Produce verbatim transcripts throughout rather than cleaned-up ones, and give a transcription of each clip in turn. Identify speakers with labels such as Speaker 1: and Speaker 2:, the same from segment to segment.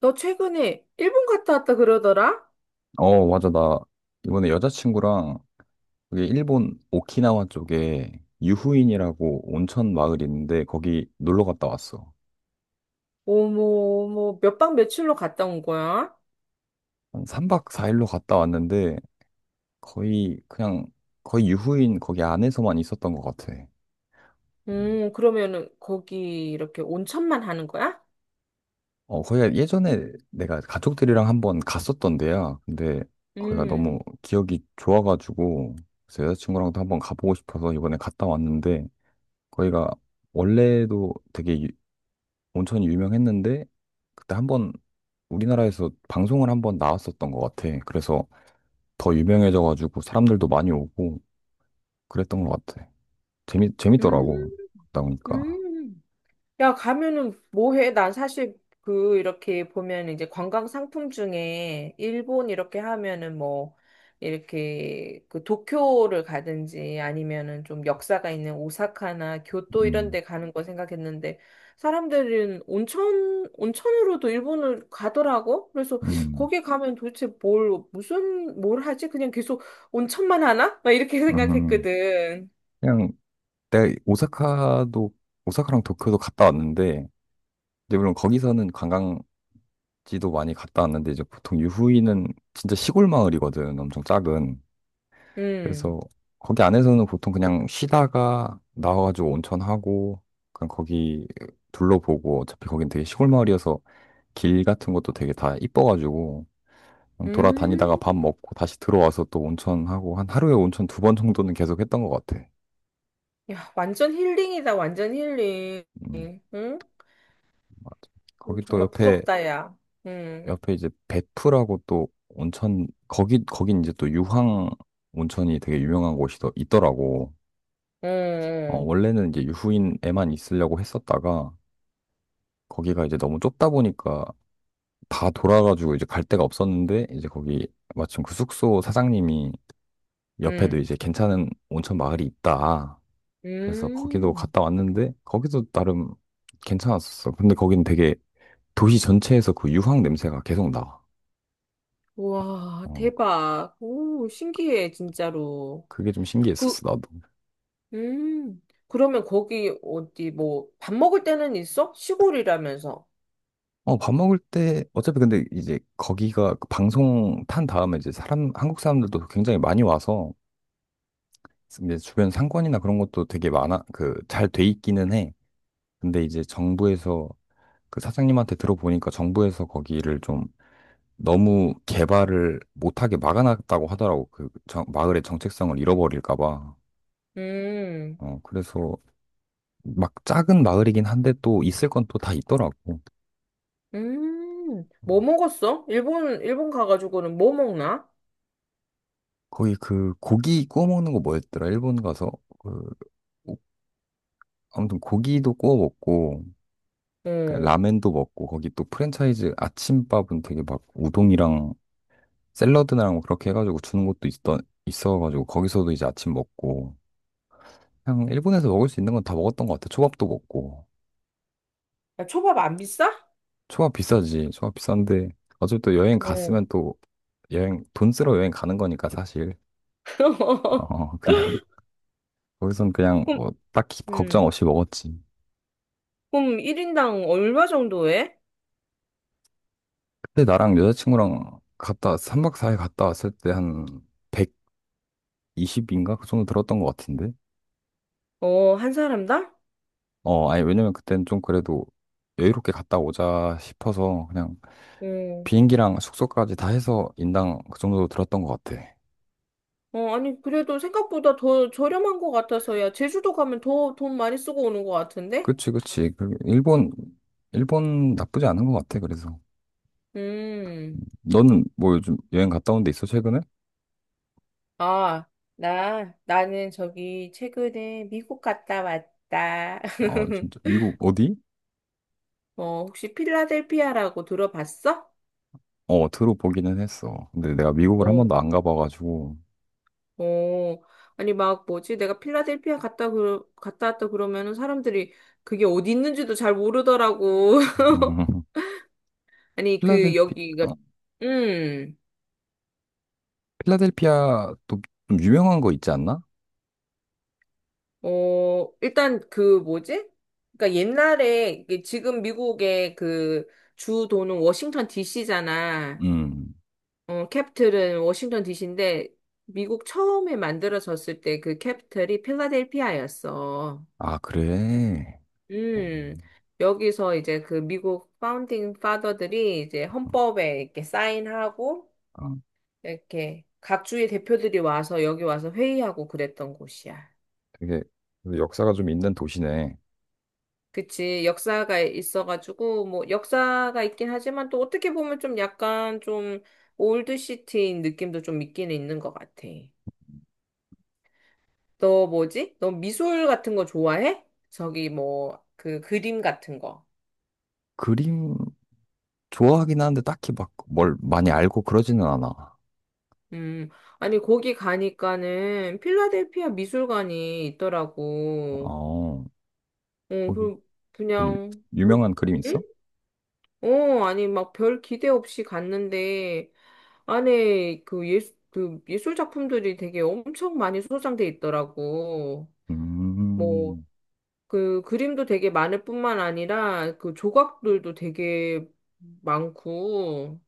Speaker 1: 너 최근에 일본 갔다 왔다 그러더라?
Speaker 2: 어, 맞아. 나 이번에 여자친구랑 그게 일본 오키나와 쪽에 유후인이라고 온천 마을이 있는데 거기 놀러 갔다 왔어.
Speaker 1: 어머, 어머, 몇 박 며칠로 갔다 온 거야?
Speaker 2: 한 삼 박 사 일로 갔다 왔는데 거의 그냥 거의 유후인 거기 안에서만 있었던 것 같아. 음.
Speaker 1: 음, 그러면은 거기 이렇게 온천만 하는 거야?
Speaker 2: 어, 거기가 예전에 내가 가족들이랑 한번 갔었던 데야. 근데 거기가 너무
Speaker 1: 음,
Speaker 2: 기억이 좋아가지고 그래서 여자친구랑도 한번 가보고 싶어서 이번에 갔다 왔는데 거기가 원래도 되게 온천이 유명했는데 그때 한 번 우리나라에서 방송을 한 번 나왔었던 것 같아. 그래서 더 유명해져가지고 사람들도 많이 오고 그랬던 것 같아. 재미 재밌더라고.
Speaker 1: 음,
Speaker 2: 갔다 오니까.
Speaker 1: 음. 야, 가면은 뭐 해? 난 사실 그 이렇게 보면 이제 관광 상품 중에 일본 이렇게 하면은 뭐 이렇게 그 도쿄를 가든지 아니면은 좀 역사가 있는 오사카나 교토 이런
Speaker 2: 음,
Speaker 1: 데 가는 거 생각했는데 사람들은 온천 온천으로도 일본을 가더라고. 그래서
Speaker 2: 음,
Speaker 1: 거기 가면 도대체 뭘 무슨 뭘 하지? 그냥 계속 온천만 하나? 막 이렇게
Speaker 2: 음.
Speaker 1: 생각했거든.
Speaker 2: 그냥 내가 오사카도 오사카랑 도쿄도 갔다 왔는데 이제 물론 거기서는 관광지도 많이 갔다 왔는데 이제 보통 유후이는 진짜 시골 마을이거든. 엄청 작은.
Speaker 1: 음.
Speaker 2: 그래서 거기 안에서는 보통 그냥 쉬다가 나와가지고 온천하고 그냥 거기 둘러보고 어차피 거긴 되게 시골 마을이어서 길 같은 것도 되게 다 이뻐가지고 그냥 돌아다니다가
Speaker 1: 음.
Speaker 2: 밥 먹고 다시 들어와서 또 온천하고 한 하루에 온천 두 번 정도는 계속 했던 것 같아.
Speaker 1: 야, 완전 힐링이다, 완전 힐링.
Speaker 2: 음,
Speaker 1: 응?
Speaker 2: 맞아.
Speaker 1: 음,
Speaker 2: 거기 또
Speaker 1: 정말
Speaker 2: 옆에
Speaker 1: 부럽다, 야. 응,
Speaker 2: 옆에 이제 베프라고 또 온천 거기 거긴 이제 또 유황 온천이 되게 유명한 곳이 더 있더라고. 어,
Speaker 1: 응,
Speaker 2: 원래는 이제 유후인에만 있으려고 했었다가 거기가 이제 너무 좁다 보니까 다 돌아가지고 이제 갈 데가 없었는데 이제 거기 마침 그 숙소 사장님이 옆에도
Speaker 1: 응,
Speaker 2: 이제 괜찮은 온천 마을이 있다. 그래서 거기도
Speaker 1: 음.
Speaker 2: 갔다 왔는데 거기도 나름 괜찮았었어. 근데 거기는 되게 도시 전체에서 그 유황 냄새가 계속 나.
Speaker 1: 우와,
Speaker 2: 어,
Speaker 1: 대박. 오, 신기해, 진짜로.
Speaker 2: 그게 좀
Speaker 1: 그,
Speaker 2: 신기했었어, 나도.
Speaker 1: 음. 그러면 거기 어디, 뭐, 밥 먹을 때는 있어? 시골이라면서.
Speaker 2: 어, 밥 먹을 때 어차피 근데 이제 거기가 그 방송 탄 다음에 이제 사람 한국 사람들도 굉장히 많이 와서 이제 주변 상권이나 그런 것도 되게 많아 그 잘 돼 있기는 해. 근데 이제 정부에서 그 사장님한테 들어보니까 정부에서 거기를 좀 너무 개발을 못하게 막아놨다고 하더라고. 그 정- 마을의 정체성을 잃어버릴까 봐.
Speaker 1: 음,
Speaker 2: 어, 그래서 막 작은 마을이긴 한데 또 있을 건 또 다 있더라고.
Speaker 1: 음. 뭐 먹었어? 일본, 일본 가가지고는 뭐 먹나?
Speaker 2: 거기 그 고기 구워 먹는 거 뭐였더라? 일본 가서 그 오- 아무튼 고기도 구워 먹고 그
Speaker 1: 응.
Speaker 2: 라멘도 먹고 거기 또 프랜차이즈 아침밥은 되게 막 우동이랑 샐러드랑 뭐 그렇게 해가지고 주는 것도 있던 있어가지고 거기서도 이제 아침 먹고 그냥 일본에서 먹을 수 있는 건 다 먹었던 것 같아. 초밥도 먹고
Speaker 1: 야, 초밥 안 비싸?
Speaker 2: 초밥 비싸지. 초밥 비싼데 어차피 또 여행
Speaker 1: 응.
Speaker 2: 갔으면 또 여행 돈 쓰러 여행 가는 거니까 사실 어 그냥 거기선 그냥 뭐 딱히 걱정
Speaker 1: 음.
Speaker 2: 없이 먹었지.
Speaker 1: 그럼 일 인당 얼마 정도 해?
Speaker 2: 그때 나랑 여자친구랑 갔다 삼 박 사 일 갔다 왔을 때 한 백이십인가 그 정도 들었던 것 같은데.
Speaker 1: 어, 한 사람당?
Speaker 2: 어 아니 왜냐면 그때는 좀 그래도 여유롭게 갔다 오자 싶어서 그냥
Speaker 1: 어,
Speaker 2: 비행기랑 숙소까지 다 해서 인당 그 정도 들었던 것 같아.
Speaker 1: 어, 아니, 그래도 생각보다 더 저렴한 것 같아서야. 제주도 가면 더 돈 많이 쓰고 오는 것 같은데?
Speaker 2: 그치, 그치. 그 일본, 일본 나쁘지 않은 것 같아, 그래서. 음,
Speaker 1: 음,
Speaker 2: 너는 뭐 요즘 여행 갔다 온 데 있어, 최근에?
Speaker 1: 아, 나, 나는 저기 최근에 미국 갔다 왔다.
Speaker 2: 아, 진짜. 미국 어디?
Speaker 1: 어, 혹시 필라델피아라고 들어봤어?
Speaker 2: 어, 들어보기는 했어. 근데 내가 미국을 한
Speaker 1: 어,
Speaker 2: 번도 안 가봐가지고.
Speaker 1: 어, 아니, 막 뭐지? 내가 필라델피아 갔다, 그, 갔다 왔다 그러면은 사람들이 그게 어디 있는지도 잘 모르더라고.
Speaker 2: 음,
Speaker 1: 아니, 그,
Speaker 2: 필라델피,
Speaker 1: 여기가,
Speaker 2: 어?
Speaker 1: 음,
Speaker 2: 필라델피아 도 좀 유명한 거 있지 않나?
Speaker 1: 어, 일단 그 뭐지? 그러니까 옛날에, 이게 지금 미국의 그 주도는 워싱턴 디씨잖아.
Speaker 2: 음.
Speaker 1: 어, 캡틀은 워싱턴 디씨인데, 미국 처음에 만들어졌을 때 그 캡틀이 필라델피아였어.
Speaker 2: 아, 그래. 어,
Speaker 1: 음, 여기서 이제 그 미국 파운딩 파더들이 이제 헌법에 이렇게 사인하고,
Speaker 2: 아,
Speaker 1: 이렇게 각 주의 대표들이 와서 여기 와서 회의하고 그랬던 곳이야.
Speaker 2: 되게 역사가 좀 있는 도시네.
Speaker 1: 그치, 역사가 있어가지고, 뭐, 역사가 있긴 하지만 또 어떻게 보면 좀 약간 좀 올드시티인 느낌도 좀 있기는 있는 것 같아. 너 뭐지? 너 미술 같은 거 좋아해? 저기 뭐, 그 그림 같은 거.
Speaker 2: 그림 좋아하긴 하는데 딱히 막 뭘 많이 알고 그러지는 않아.
Speaker 1: 음, 아니, 거기 가니까는 필라델피아 미술관이 있더라고.
Speaker 2: 어,
Speaker 1: 응,
Speaker 2: 거기
Speaker 1: 그,
Speaker 2: 뭐 유-
Speaker 1: 그냥, 그,
Speaker 2: 유명한 그림
Speaker 1: 응?
Speaker 2: 있어?
Speaker 1: 어, 아니, 막 별 기대 없이 갔는데, 안에 그 예술, 그 예술 작품들이 되게 엄청 많이 소장돼 있더라고. 뭐,
Speaker 2: 음,
Speaker 1: 그 그림도 되게 많을 뿐만 아니라, 그 조각들도 되게 많고,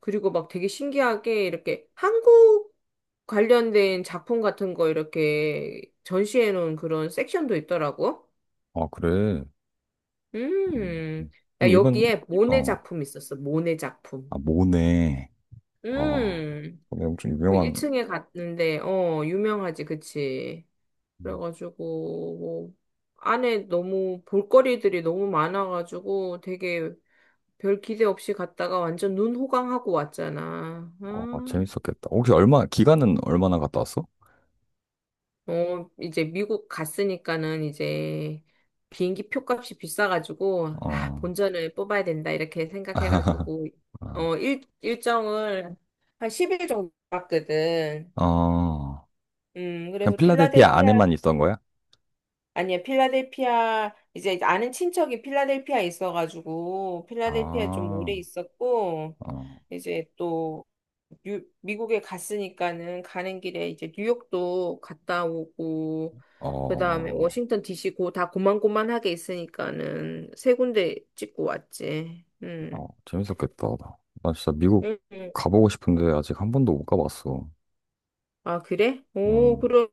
Speaker 1: 그리고 막 되게 신기하게 이렇게 한국 관련된 작품 같은 거 이렇게 전시해 놓은 그런 섹션도 있더라고.
Speaker 2: 아, 그래. 음.
Speaker 1: 음, 야,
Speaker 2: 그럼 이번,
Speaker 1: 여기에 모네
Speaker 2: 어,
Speaker 1: 작품 있었어, 모네 작품.
Speaker 2: 아, 모네. 어,
Speaker 1: 음.
Speaker 2: 근데 엄청
Speaker 1: 그
Speaker 2: 유명한,
Speaker 1: 일 층에 갔는데, 어, 유명하지, 그치.
Speaker 2: 음.
Speaker 1: 그래가지고, 뭐, 안에 너무 볼거리들이 너무 많아가지고 되게 별 기대 없이 갔다가 완전 눈 호강하고 왔잖아.
Speaker 2: 어, 아,
Speaker 1: 아,
Speaker 2: 재밌었겠다. 혹시 얼마, 기간은 얼마나 갔다 왔어?
Speaker 1: 어, 이제 미국 갔으니까는 이제 비행기 표값이 비싸가지고, 아,
Speaker 2: 어,
Speaker 1: 본전을 뽑아야 된다, 이렇게 생각해가지고,
Speaker 2: 아,
Speaker 1: 어, 일, 일정을 한 십 일 정도 봤거든.
Speaker 2: 어,
Speaker 1: 음,
Speaker 2: 그냥
Speaker 1: 그래서
Speaker 2: 필라델피아
Speaker 1: 필라델피아
Speaker 2: 안에만 있던 거야?
Speaker 1: 아니야, 필라델피아, 이제 아는 친척이 필라델피아에 있어가지고, 필라델피아에 좀
Speaker 2: 아,
Speaker 1: 오래 있었고,
Speaker 2: 어,
Speaker 1: 이제 또, 뉴, 미국에 갔으니까는 가는 길에 이제 뉴욕도 갔다 오고, 그 다음에
Speaker 2: 어.
Speaker 1: 워싱턴 디씨 고, 다 고만고만하게 있으니까는 세 군데 찍고 왔지.
Speaker 2: 어,
Speaker 1: 음.
Speaker 2: 재밌었겠다. 나 진짜 미국
Speaker 1: 음. 음.
Speaker 2: 가보고 싶은데 아직 한 번도 못 가봤어.
Speaker 1: 아, 그래? 오,
Speaker 2: 음,
Speaker 1: 그럼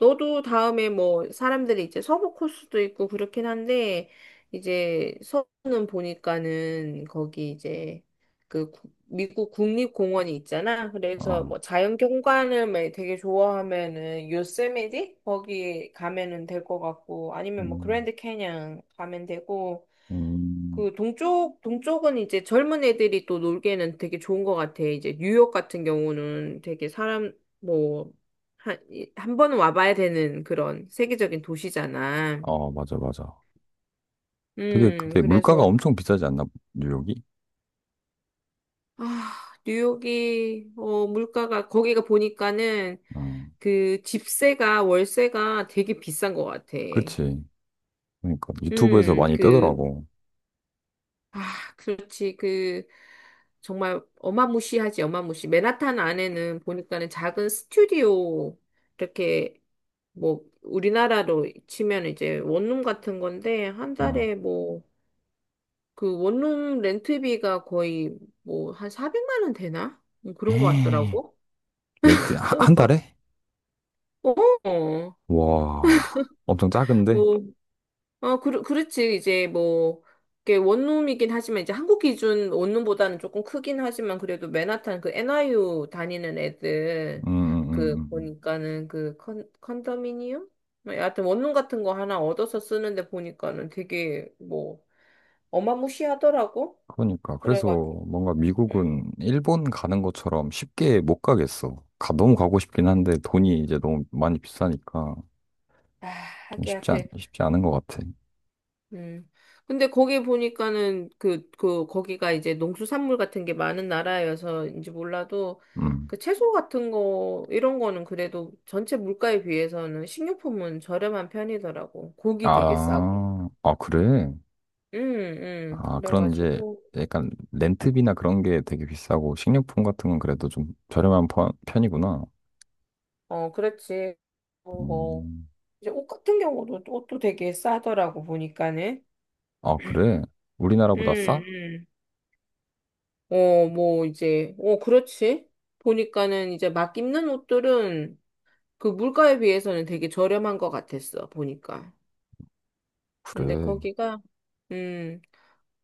Speaker 1: 너도 다음에 뭐 사람들이 이제 서부 코스도 있고 그렇긴 한데 이제 서부는 보니까는 거기 이제 그 구- 미국 국립공원이 있잖아. 그래서
Speaker 2: 아,
Speaker 1: 뭐 자연 경관을 막 되게 좋아하면은 요세미티 거기 가면은 될 것 같고 아니면 뭐
Speaker 2: 음,
Speaker 1: 그랜드 캐년 가면 되고
Speaker 2: 음,
Speaker 1: 그 동쪽 동쪽은 이제 젊은 애들이 또 놀기에는 되게 좋은 것 같아. 이제 뉴욕 같은 경우는 되게 사람 뭐 한, 한 번은 와봐야 되는 그런 세계적인 도시잖아.
Speaker 2: 아, 맞아, 맞아. 되게
Speaker 1: 음,
Speaker 2: 그때 물가가
Speaker 1: 그래서
Speaker 2: 엄청 비싸지 않나, 뉴욕이?
Speaker 1: 아, 뉴욕이 어 물가가 거기가 보니까는
Speaker 2: 어,
Speaker 1: 그 집세가 월세가 되게 비싼 것 같아.
Speaker 2: 그치. 그러니까 유튜브에서
Speaker 1: 음,
Speaker 2: 많이
Speaker 1: 그
Speaker 2: 뜨더라고.
Speaker 1: 아, 그렇지. 그, 정말 어마무시하지, 어마무시. 맨하탄 안에는 보니까는 작은 스튜디오, 이렇게, 뭐, 우리나라로 치면 이제 원룸 같은 건데, 한
Speaker 2: 어.
Speaker 1: 달에 뭐, 그 원룸 렌트비가 거의 뭐, 한 사백만 원 되나? 뭐 그런 것
Speaker 2: 에이,
Speaker 1: 같더라고.
Speaker 2: 레드, 한, 한 달에?
Speaker 1: 어,
Speaker 2: 와, 엄청
Speaker 1: 어.
Speaker 2: 작은데?
Speaker 1: 어, 그, 그렇지. 이제 뭐, 이게 원룸이긴 하지만, 이제 한국 기준 원룸보다는 조금 크긴 하지만, 그래도 맨하탄 그 엔아이유 다니는 애들,
Speaker 2: 음, 음, 음.
Speaker 1: 그,
Speaker 2: 음. 음.
Speaker 1: 보니까는 그 컨, 컨도미니엄? 뭐 여하튼 원룸 같은 거 하나 얻어서 쓰는데 보니까는 되게 뭐, 어마무시하더라고.
Speaker 2: 그러니까 그래서
Speaker 1: 그래가지고,
Speaker 2: 뭔가
Speaker 1: 음.
Speaker 2: 미국은 일본 가는 것처럼 쉽게 못 가겠어. 가, 너무 가고 싶긴 한데 돈이 이제 너무 많이 비싸니까
Speaker 1: 아,
Speaker 2: 좀
Speaker 1: 하기야.
Speaker 2: 쉽지 않,
Speaker 1: 그,
Speaker 2: 쉽지 않은 것 같아.
Speaker 1: 음. 근데 거기 보니까는 그, 그, 거기가 이제 농수산물 같은 게 많은 나라여서인지 몰라도
Speaker 2: 음.
Speaker 1: 그 채소 같은 거, 이런 거는 그래도 전체 물가에 비해서는 식료품은 저렴한 편이더라고. 고기 되게 싸고.
Speaker 2: 아, 아 그래?
Speaker 1: 응응
Speaker 2: 아 그런 이제
Speaker 1: 그래가지고,
Speaker 2: 약간 렌트비나 그런 게 되게 비싸고 식료품 같은 건 그래도 좀 저렴한 편- 편이구나.
Speaker 1: 어, 그렇지. 어, 뭐,
Speaker 2: 음.
Speaker 1: 이제 옷 같은 경우도 옷도 되게 싸더라고, 보니까는.
Speaker 2: 아 그래?
Speaker 1: 응
Speaker 2: 우리나라보다 싸?
Speaker 1: 응 어, 뭐, 이제, 어, 그렇지. 보니까는 이제 막 입는 옷들은 그 물가에 비해서는 되게 저렴한 것 같았어, 보니까. 근데
Speaker 2: 그래.
Speaker 1: 거기가, 음,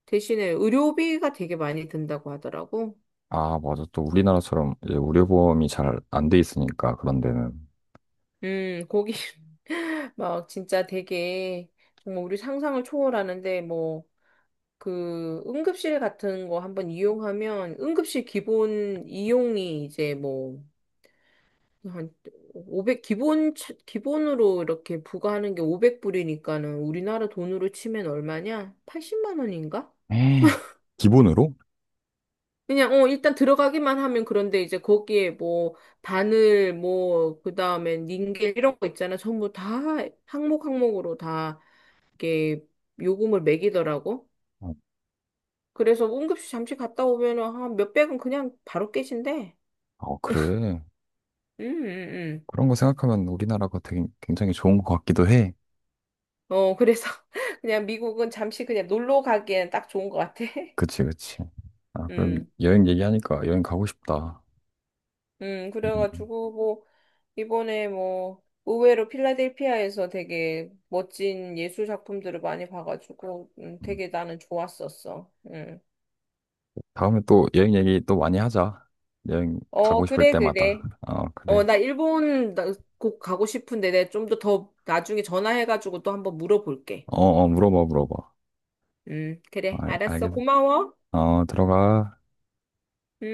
Speaker 1: 대신에 의료비가 되게 많이 든다고 하더라고.
Speaker 2: 아 맞아 또 우리나라처럼 이제 의료보험이 잘 안 돼 있으니까 그런 데는.
Speaker 1: 음, 거기 막 진짜 되게 정말 우리 상상을 초월하는데 뭐 그 응급실 같은 거 한번 이용하면 응급실 기본 이용이 이제 뭐 한 오백 기본, 차- 기본으로 이렇게 부과하는 게 오백 불이니까는 우리나라 돈으로 치면 얼마냐? 팔십만 원인가?
Speaker 2: 에 기본으로?
Speaker 1: 그냥 어 일단 들어가기만 하면 그런데 이제 거기에 뭐 바늘 뭐 그다음에 닌겔 이런 거 있잖아. 전부 다 항목 항목으로 다 이게 요금을 매기더라고.
Speaker 2: 어,
Speaker 1: 그래서 응급실 잠시 갔다 오면은 한 몇백은 그냥 바로 깨진대.
Speaker 2: 어, 그래.
Speaker 1: 음, 음, 음.
Speaker 2: 그런 거 생각하면 우리나라가 되게 굉장히 좋은 것 같기도 해.
Speaker 1: 어 그래서 그냥 미국은 잠시 그냥 놀러 가기엔 딱 좋은 것 같아.
Speaker 2: 그치, 그치. 아, 그럼
Speaker 1: 음.
Speaker 2: 여행 얘기하니까 여행 가고 싶다.
Speaker 1: 음,
Speaker 2: 음, 음.
Speaker 1: 그래가지고, 이번에 뭐 의외로 필라델피아에서 되게 멋진 예술 작품들을 많이 봐가지고 음,
Speaker 2: 음.
Speaker 1: 되게 나는 좋았었어. 음.
Speaker 2: 다음에 또 여행 얘기 또 많이 하자. 여행
Speaker 1: 어,
Speaker 2: 가고 싶을
Speaker 1: 그래,
Speaker 2: 때마다.
Speaker 1: 그래.
Speaker 2: 어,
Speaker 1: 어,
Speaker 2: 그래.
Speaker 1: 나 일본 나- 꼭 가고 싶은데 내가 좀 더 더 나중에 전화해가지고 또 한번 물어볼게.
Speaker 2: 어, 어, 물어봐, 물어봐.
Speaker 1: 음, 그래.
Speaker 2: 알,
Speaker 1: 알았어.
Speaker 2: 알겠어.
Speaker 1: 고마워.
Speaker 2: 어, 들어가.
Speaker 1: 음.